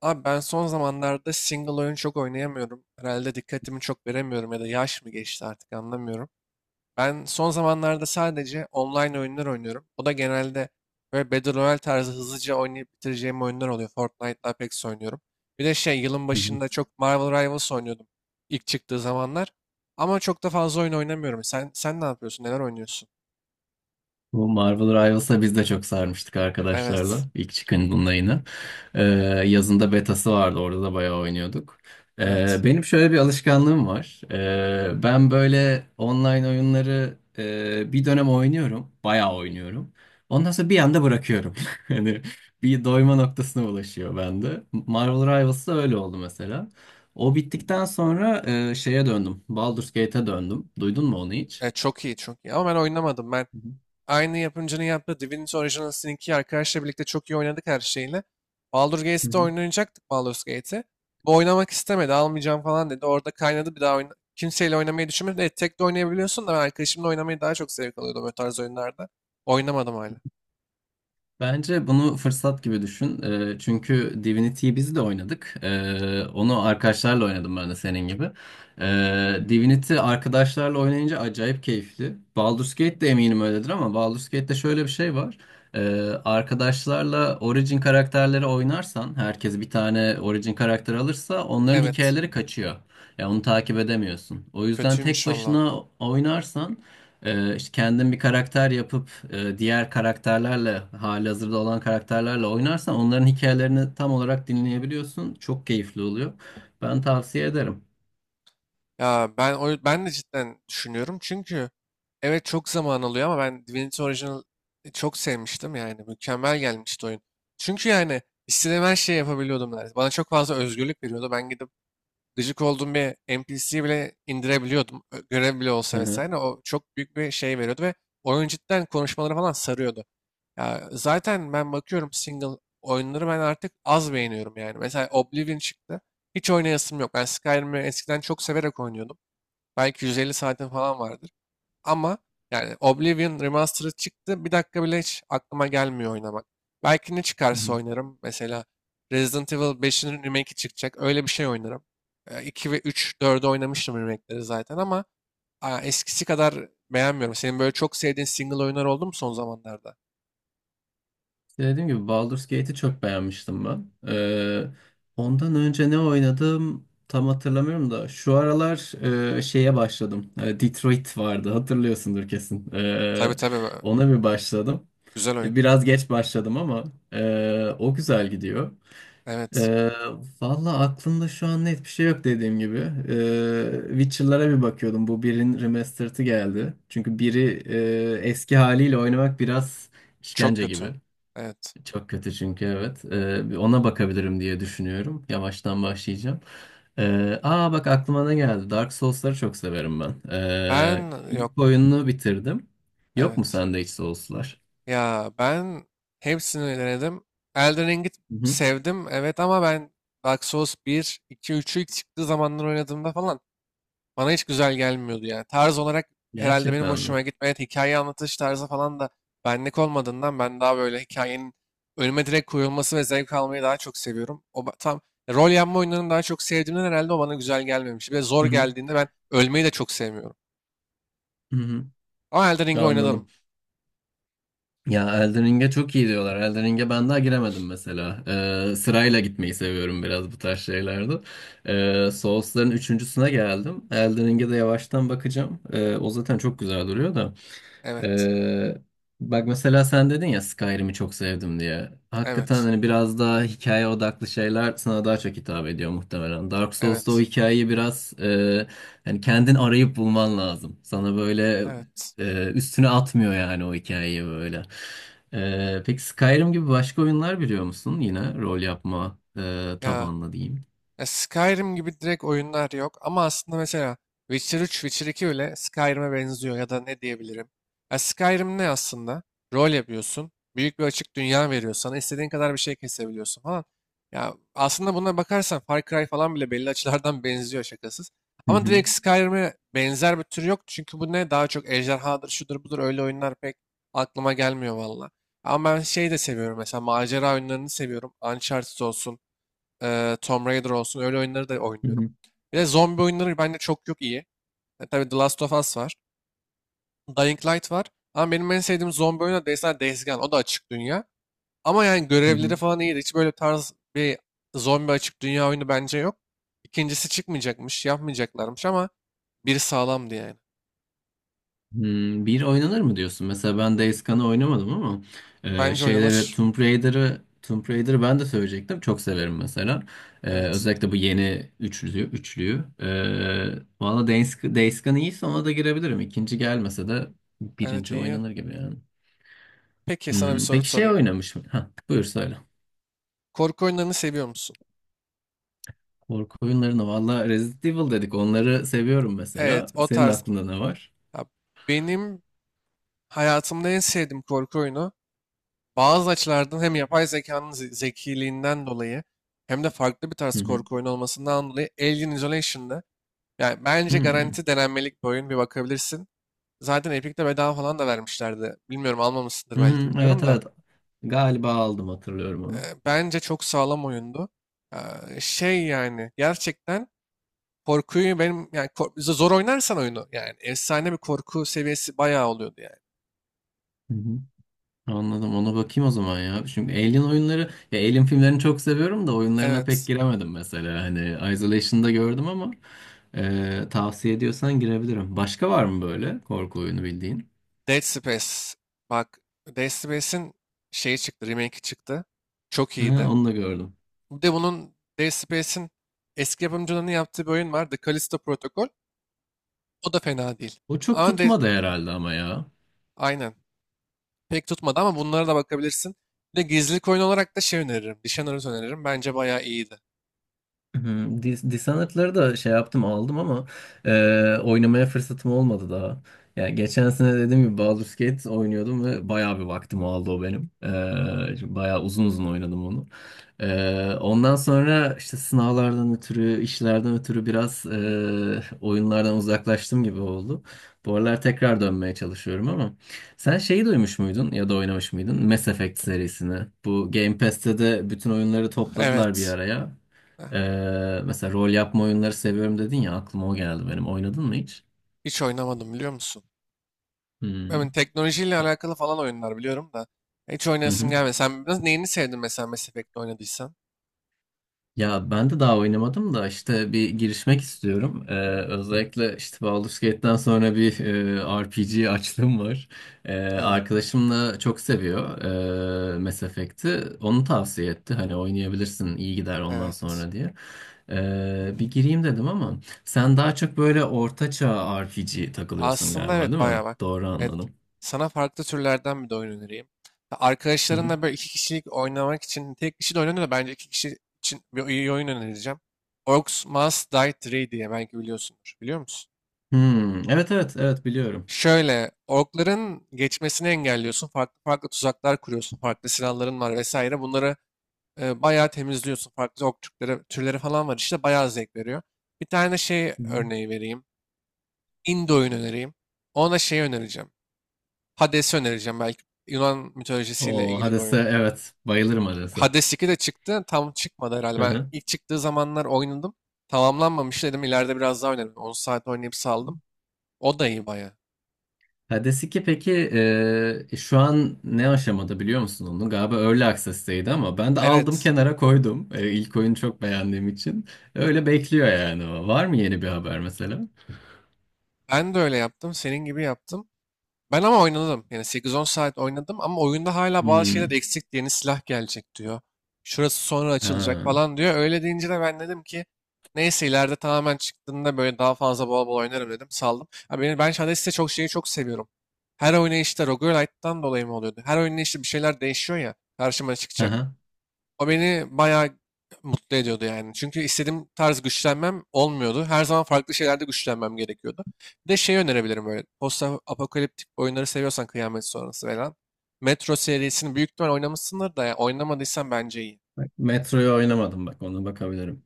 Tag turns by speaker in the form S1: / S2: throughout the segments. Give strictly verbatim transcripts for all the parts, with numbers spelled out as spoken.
S1: Abi ben son zamanlarda single oyun çok oynayamıyorum. Herhalde dikkatimi çok veremiyorum ya da yaş mı geçti artık anlamıyorum. Ben son zamanlarda sadece online oyunlar oynuyorum. O da genelde böyle Battle Royale tarzı hızlıca oynayıp bitireceğim oyunlar oluyor. Fortnite'la Apex oynuyorum. Bir de şey yılın
S2: Hı hı.
S1: başında çok Marvel Rivals oynuyordum ilk çıktığı zamanlar. Ama çok da fazla oyun oynamıyorum. Sen sen ne yapıyorsun? Neler oynuyorsun?
S2: Bu Marvel Rivals'a biz de çok sarmıştık arkadaşlarla.
S1: Evet.
S2: İlk çıkandığında yine. Ee, Yazında betası vardı. Orada da bayağı oynuyorduk. Ee,
S1: Evet.
S2: benim şöyle bir alışkanlığım var. Ee, ben böyle online oyunları e, bir dönem oynuyorum. Bayağı oynuyorum. Ondan sonra bir anda bırakıyorum. Hani bir doyma noktasına ulaşıyor bende. Marvel Rivals'da öyle oldu mesela. O bittikten sonra e, şeye döndüm. Baldur's Gate'e döndüm. Duydun mu onu hiç?
S1: E, çok iyi, çok iyi. Ama ben oynamadım. Ben
S2: Hı
S1: aynı yapımcının yaptığı Divinity Original Sin ikiyi arkadaşla birlikte çok iyi oynadık her şeyle. Baldur's Gate'de
S2: hı.
S1: oynayacaktık Baldur's Gate'i. Bu oynamak istemedi, almayacağım falan dedi. Orada kaynadı bir daha oyna kimseyle oynamayı düşünmedim. Evet, tek de oynayabiliyorsun da ben arkadaşımla oynamayı daha çok zevk alıyordum o tarz oyunlarda. Oynamadım hala.
S2: Bence bunu fırsat gibi düşün. Ee, çünkü Divinity'yi biz de oynadık. Ee, onu arkadaşlarla oynadım ben de senin gibi. Ee, Divinity arkadaşlarla oynayınca acayip keyifli. Baldur's Gate de eminim öyledir ama Baldur's Gate'de şöyle bir şey var. Ee, Arkadaşlarla Origin karakterleri oynarsan, herkes bir tane Origin karakter alırsa onların
S1: Evet,
S2: hikayeleri kaçıyor. Ya onu takip edemiyorsun. O yüzden tek
S1: kötüymüş valla.
S2: başına oynarsan ee, işte kendin bir karakter yapıp e, diğer karakterlerle halihazırda olan karakterlerle oynarsan onların hikayelerini tam olarak dinleyebiliyorsun. Çok keyifli oluyor. Ben tavsiye ederim.
S1: Ya ben o, ben de cidden düşünüyorum çünkü evet çok zaman alıyor ama ben Divinity Original e, çok sevmiştim yani mükemmel gelmişti oyun. Çünkü yani istediğim her şeyi yapabiliyordum neredeyse. Bana çok fazla özgürlük veriyordu. Ben gidip gıcık olduğum bir N P C'yi bile indirebiliyordum. Ö- Görev bile
S2: Hı
S1: olsa
S2: hı.
S1: vesaire. O çok büyük bir şey veriyordu ve oyun cidden konuşmaları falan sarıyordu. Ya zaten ben bakıyorum single oyunları ben artık az beğeniyorum yani. Mesela Oblivion çıktı. Hiç oynayasım yok. Ben Skyrim'i eskiden çok severek oynuyordum. Belki yüz elli saatin falan vardır. Ama yani Oblivion Remastered çıktı. Bir dakika bile hiç aklıma gelmiyor oynamak. Belki ne
S2: Hı
S1: çıkarsa
S2: hı.
S1: oynarım. Mesela Resident Evil beşin remake'i çıkacak. Öyle bir şey oynarım. E, iki ve üç dördü oynamıştım remake'leri zaten ama a, eskisi kadar beğenmiyorum. Senin böyle çok sevdiğin single oyunlar oldu mu son zamanlarda?
S2: İşte dediğim gibi Baldur's Gate'i çok beğenmiştim ben. Ee, ondan önce ne oynadım tam hatırlamıyorum da şu aralar e, şeye başladım. E, Detroit vardı hatırlıyorsundur kesin.
S1: Tabii
S2: Ee,
S1: tabii. e,
S2: ona bir başladım.
S1: Güzel oyun.
S2: E, Biraz geç başladım ama e, o güzel gidiyor.
S1: Evet.
S2: Ee, Valla aklımda şu an net bir şey yok dediğim gibi. Ee, Witcher'lara bir bakıyordum. Bu birin remastered'ı geldi. Çünkü biri e, eski haliyle oynamak biraz
S1: Çok
S2: işkence
S1: kötü.
S2: gibi.
S1: Evet.
S2: Çok kötü çünkü evet. Ee, bir ona bakabilirim diye düşünüyorum. Yavaştan başlayacağım. Ee, aa bak aklıma ne geldi. Dark Souls'ları çok severim ben. Ee,
S1: Ben
S2: ilk
S1: yok.
S2: oyununu bitirdim. Yok mu
S1: Evet.
S2: sende hiç Souls'lar?
S1: Ya ben hepsini denedim. Elden Ring'i
S2: Hı hı.
S1: sevdim evet ama ben Dark Souls bir, iki, üçü ilk çıktığı zamanlar oynadığımda falan bana hiç güzel gelmiyordu yani. Tarz olarak herhalde benim
S2: Gerçekten mi?
S1: hoşuma gitmedi. Hikaye anlatış tarzı falan da benlik olmadığından ben daha böyle hikayenin önüme direkt koyulması ve zevk almayı daha çok seviyorum. O ba- tam rol yapma oyunlarını daha çok sevdiğimden herhalde o bana güzel gelmemiş. Bir de zor
S2: Hı hı.
S1: geldiğinde ben ölmeyi de çok sevmiyorum.
S2: Hı hı.
S1: Ama Elden Ring'i oynadım.
S2: Anladım. Ya Elden Ring'e çok iyi diyorlar. Elden Ring'e ben daha giremedim mesela. Ee, sırayla gitmeyi seviyorum biraz bu tarz şeylerde. Ee, Souls'ların üçüncüsüne geldim. Elden Ring'e de yavaştan bakacağım. Ee, o zaten çok güzel duruyor da.
S1: Evet,
S2: Ee, Bak mesela sen dedin ya Skyrim'i çok sevdim diye. Hakikaten
S1: evet,
S2: hani biraz daha hikaye odaklı şeyler sana daha çok hitap ediyor muhtemelen. Dark Souls'ta o
S1: evet,
S2: hikayeyi biraz e, hani kendin arayıp bulman lazım. Sana böyle
S1: evet.
S2: e, üstüne atmıyor yani o hikayeyi böyle. Ee, peki Skyrim gibi başka oyunlar biliyor musun? Yine rol yapma e,
S1: Ya.
S2: tabanlı diyeyim.
S1: Ya Skyrim gibi direkt oyunlar yok ama aslında mesela Witcher üç, Witcher iki bile Skyrim'e benziyor ya da ne diyebilirim. Ya Skyrim ne aslında? Rol yapıyorsun. Büyük bir açık dünya veriyor sana. İstediğin kadar bir şey kesebiliyorsun falan. Ya aslında buna bakarsan Far Cry falan bile belli açılardan benziyor şakasız.
S2: Hı
S1: Ama
S2: hı,
S1: direkt Skyrim'e benzer bir tür yok. Çünkü bu ne? Daha çok ejderhadır, şudur budur öyle oyunlar pek aklıma gelmiyor valla. Ama ben şey de seviyorum mesela macera oyunlarını seviyorum. Uncharted olsun. Eee, Tomb Raider olsun öyle oyunları da
S2: hı
S1: oynuyorum.
S2: hı,
S1: Bir de zombi oyunları bende çok yok iyi. E, tabii The Last of Us var. Dying Light var. Ama benim en sevdiğim zombi oyunu da mesela Days Gone. O da açık dünya. Ama yani
S2: hı hı.
S1: görevleri falan iyiydi. Hiç böyle tarz bir zombi açık dünya oyunu bence yok. İkincisi çıkmayacakmış, yapmayacaklarmış ama biri sağlamdı yani.
S2: Hmm, bir oynanır mı diyorsun? Mesela ben Days Gone'ı oynamadım ama e,
S1: Bence
S2: şeyleri
S1: oynanır.
S2: Tomb Raider'ı Tomb Raider'ı ben de söyleyecektim. Çok severim mesela. E,
S1: Evet.
S2: özellikle bu yeni üçlüyü. üçlüyü. E, valla Days, Days Gone iyiyse ona da girebilirim. İkinci gelmese de
S1: Evet
S2: birinci
S1: iyi.
S2: oynanır gibi yani.
S1: Peki sana bir
S2: Hmm,
S1: soru
S2: peki şey
S1: sorayım.
S2: oynamış mı? Ha, buyur söyle.
S1: Korku oyunlarını seviyor musun?
S2: Korku oyunlarını valla Resident Evil dedik. Onları seviyorum
S1: Evet,
S2: mesela.
S1: o
S2: Senin
S1: tarz.
S2: aklında ne var?
S1: Ya benim hayatımda en sevdiğim korku oyunu bazı açılardan hem yapay zekanın ze- zekiliğinden dolayı hem de farklı bir
S2: Hı
S1: tarz
S2: hı.
S1: korku oyunu olmasından dolayı Alien Isolation'da yani bence
S2: Hmm.
S1: garanti denenmelik bir oyun bir bakabilirsin. Zaten Epic'te bedava falan da vermişlerdi. Bilmiyorum almamışsındır
S2: Hı
S1: belki
S2: hı. Evet,
S1: bilmiyorum da.
S2: evet. Galiba aldım, hatırlıyorum
S1: e,
S2: onu.
S1: bence çok sağlam oyundu. E, şey yani gerçekten korkuyu benim yani kor- zor oynarsan oyunu yani efsane bir korku seviyesi bayağı oluyordu yani.
S2: Hı hı. Anladım. Ona bakayım o zaman ya. Çünkü Alien oyunları, ya Alien filmlerini çok seviyorum da oyunlarına pek
S1: Evet.
S2: giremedim mesela. Hani Isolation'da gördüm ama e, tavsiye ediyorsan girebilirim. Başka var mı böyle korku oyunu bildiğin?
S1: Dead Space. Bak Dead Space'in şeyi çıktı. Remake'i çıktı. Çok
S2: Ha,
S1: iyiydi.
S2: onu da gördüm.
S1: Bir de bunun Dead Space'in eski yapımcılarının yaptığı bir oyun var. The Callisto Protocol. O da fena değil.
S2: O çok
S1: Ama de,
S2: tutmadı herhalde ama ya.
S1: aynen. pek tutmadı ama bunlara da bakabilirsin. Bir de gizlilik oyunu olarak da şey öneririm. Dishonored öneririm. Bence bayağı iyiydi.
S2: Hmm, Dis- Dishonored'ları da şey yaptım, aldım ama e, oynamaya fırsatım olmadı daha. Yani geçen sene dediğim gibi Baldur's Gate oynuyordum ve bayağı bir vaktim aldı o benim. E, çünkü bayağı uzun uzun oynadım onu. E, ondan sonra işte sınavlardan ötürü, işlerden ötürü biraz e, oyunlardan uzaklaştım gibi oldu. Bu aralar tekrar dönmeye çalışıyorum ama sen şeyi duymuş muydun ya da oynamış mıydın? Mass Effect serisini. Bu Game Pass'te de bütün oyunları topladılar bir
S1: Evet.
S2: araya.
S1: Heh,
S2: Ee, mesela rol yapma oyunları seviyorum dedin ya aklıma o geldi benim. Oynadın mı hiç?
S1: Hiç oynamadım biliyor musun? Ben
S2: Hmm.
S1: teknolojiyle
S2: O-
S1: alakalı falan oyunlar biliyorum da. Hiç
S2: Hı
S1: oynayasım
S2: hı.
S1: gelmedi. Sen biraz neyini sevdin mesela Mass Effect'te oynadıysan?
S2: Ya ben de daha oynamadım da işte bir girişmek istiyorum. Ee, özellikle işte Baldur's Gate'den sonra bir e, R P G açlığım var. Ee,
S1: Evet,
S2: arkadaşım da çok seviyor e, Mass Effect'i. Onu tavsiye etti. Hani oynayabilirsin, iyi gider ondan
S1: evet.
S2: sonra diye. Ee, bir gireyim dedim ama sen daha çok böyle ortaçağ R P G takılıyorsun
S1: Aslında
S2: galiba,
S1: evet
S2: değil mi?
S1: bayağı bak.
S2: Doğru
S1: Evet,
S2: anladım.
S1: sana farklı türlerden bir de oyun önereyim. Arkadaşlarınla böyle iki kişilik oynamak için tek kişi de oynanıyor da bence iki kişi için bir iyi oyun önereceğim. Orcs Must Die üç diye belki biliyorsundur. Biliyor musun?
S2: Hmm, evet evet evet biliyorum.
S1: Şöyle orkların geçmesini engelliyorsun. Farklı farklı tuzaklar kuruyorsun. Farklı silahların var vesaire. Bunları e, bayağı temizliyorsun. Farklı ork türleri, türleri falan var işte. Bayağı zevk veriyor. Bir tane şey
S2: Hı hı.
S1: örneği vereyim. Indie oyun önereyim. Ona şey önereceğim. Hades'i önereceğim belki. Yunan mitolojisiyle
S2: O
S1: ilgili bir
S2: Hades'e
S1: oyun.
S2: evet, bayılırım Hades'e.
S1: Hades iki de çıktı. Tam çıkmadı herhalde.
S2: Hı
S1: Ben
S2: hı.
S1: ilk çıktığı zamanlar oynadım. Tamamlanmamış dedim. İleride biraz daha oynarım. On saat oynayıp saldım. O da iyi baya.
S2: Hades iki peki e, şu an ne aşamada biliyor musun onu? Galiba Early Access'teydi ama ben de aldım
S1: Evet.
S2: kenara koydum. E, ilk oyunu çok beğendiğim için. Öyle bekliyor yani o. Var mı yeni bir haber mesela?
S1: Ben de öyle yaptım. Senin gibi yaptım. Ben ama oynadım. Yani sekiz on saat oynadım ama oyunda hala bazı şeyler
S2: Hmm.
S1: eksik. Yeni silah gelecek diyor. Şurası sonra açılacak
S2: Ha.
S1: falan diyor. Öyle deyince de ben dedim ki neyse ileride tamamen çıktığında böyle daha fazla bol bol oynarım dedim. Saldım. Ha, beni, ben Shadows'te çok şeyi çok seviyorum. Her oynayışta Roguelite'dan dolayı mı oluyordu? Her oynayışta bir şeyler değişiyor ya. Karşıma
S2: Hı
S1: çıkacak.
S2: hı.
S1: O beni bayağı mutlu ediyordu yani. Çünkü istediğim tarz güçlenmem olmuyordu. Her zaman farklı şeylerde güçlenmem gerekiyordu. Bir de şey önerebilirim böyle. Post apokaliptik oyunları seviyorsan kıyamet sonrası falan. Metro serisini büyük ihtimal oynamışsındır da ya oynamadıysan bence iyi.
S2: Bak, Metro'yu oynamadım, bak ona bakabilirim.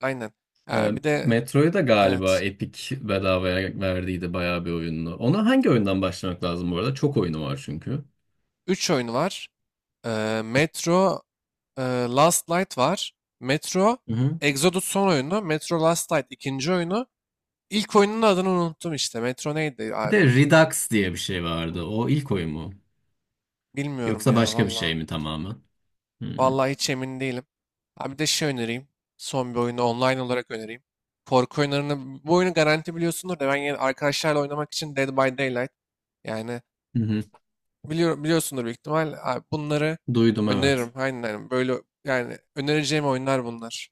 S1: Aynen.
S2: E,
S1: Ha, bir de
S2: Metro'yu da galiba
S1: evet.
S2: Epic bedavaya verdiydi bayağı bir oyununu. Ona hangi oyundan başlamak lazım bu arada? Çok oyunu var çünkü.
S1: üç oyun var. Ee, Metro e, Last Light var. Metro
S2: Hı hı.
S1: Exodus son oyunu. Metro Last Light ikinci oyunu. İlk oyunun adını unuttum işte. Metro neydi
S2: Bir
S1: abi?
S2: de Redux diye bir şey vardı. O ilk oyun mu?
S1: Bilmiyorum
S2: Yoksa
S1: ya
S2: başka bir şey
S1: valla.
S2: mi tamamen? Hı hı.
S1: Valla hiç emin değilim. Ha bir de şey önereyim. Son bir oyunu online olarak önereyim. Korku oyunlarını, bu oyunu garanti biliyorsundur da ben yine arkadaşlarla oynamak için Dead by Daylight. Yani
S2: Hı hı.
S1: biliyor, biliyorsundur büyük ihtimal. Abi bunları
S2: Duydum evet.
S1: öneririm. Aynen, aynen. böyle yani önereceğim oyunlar bunlar.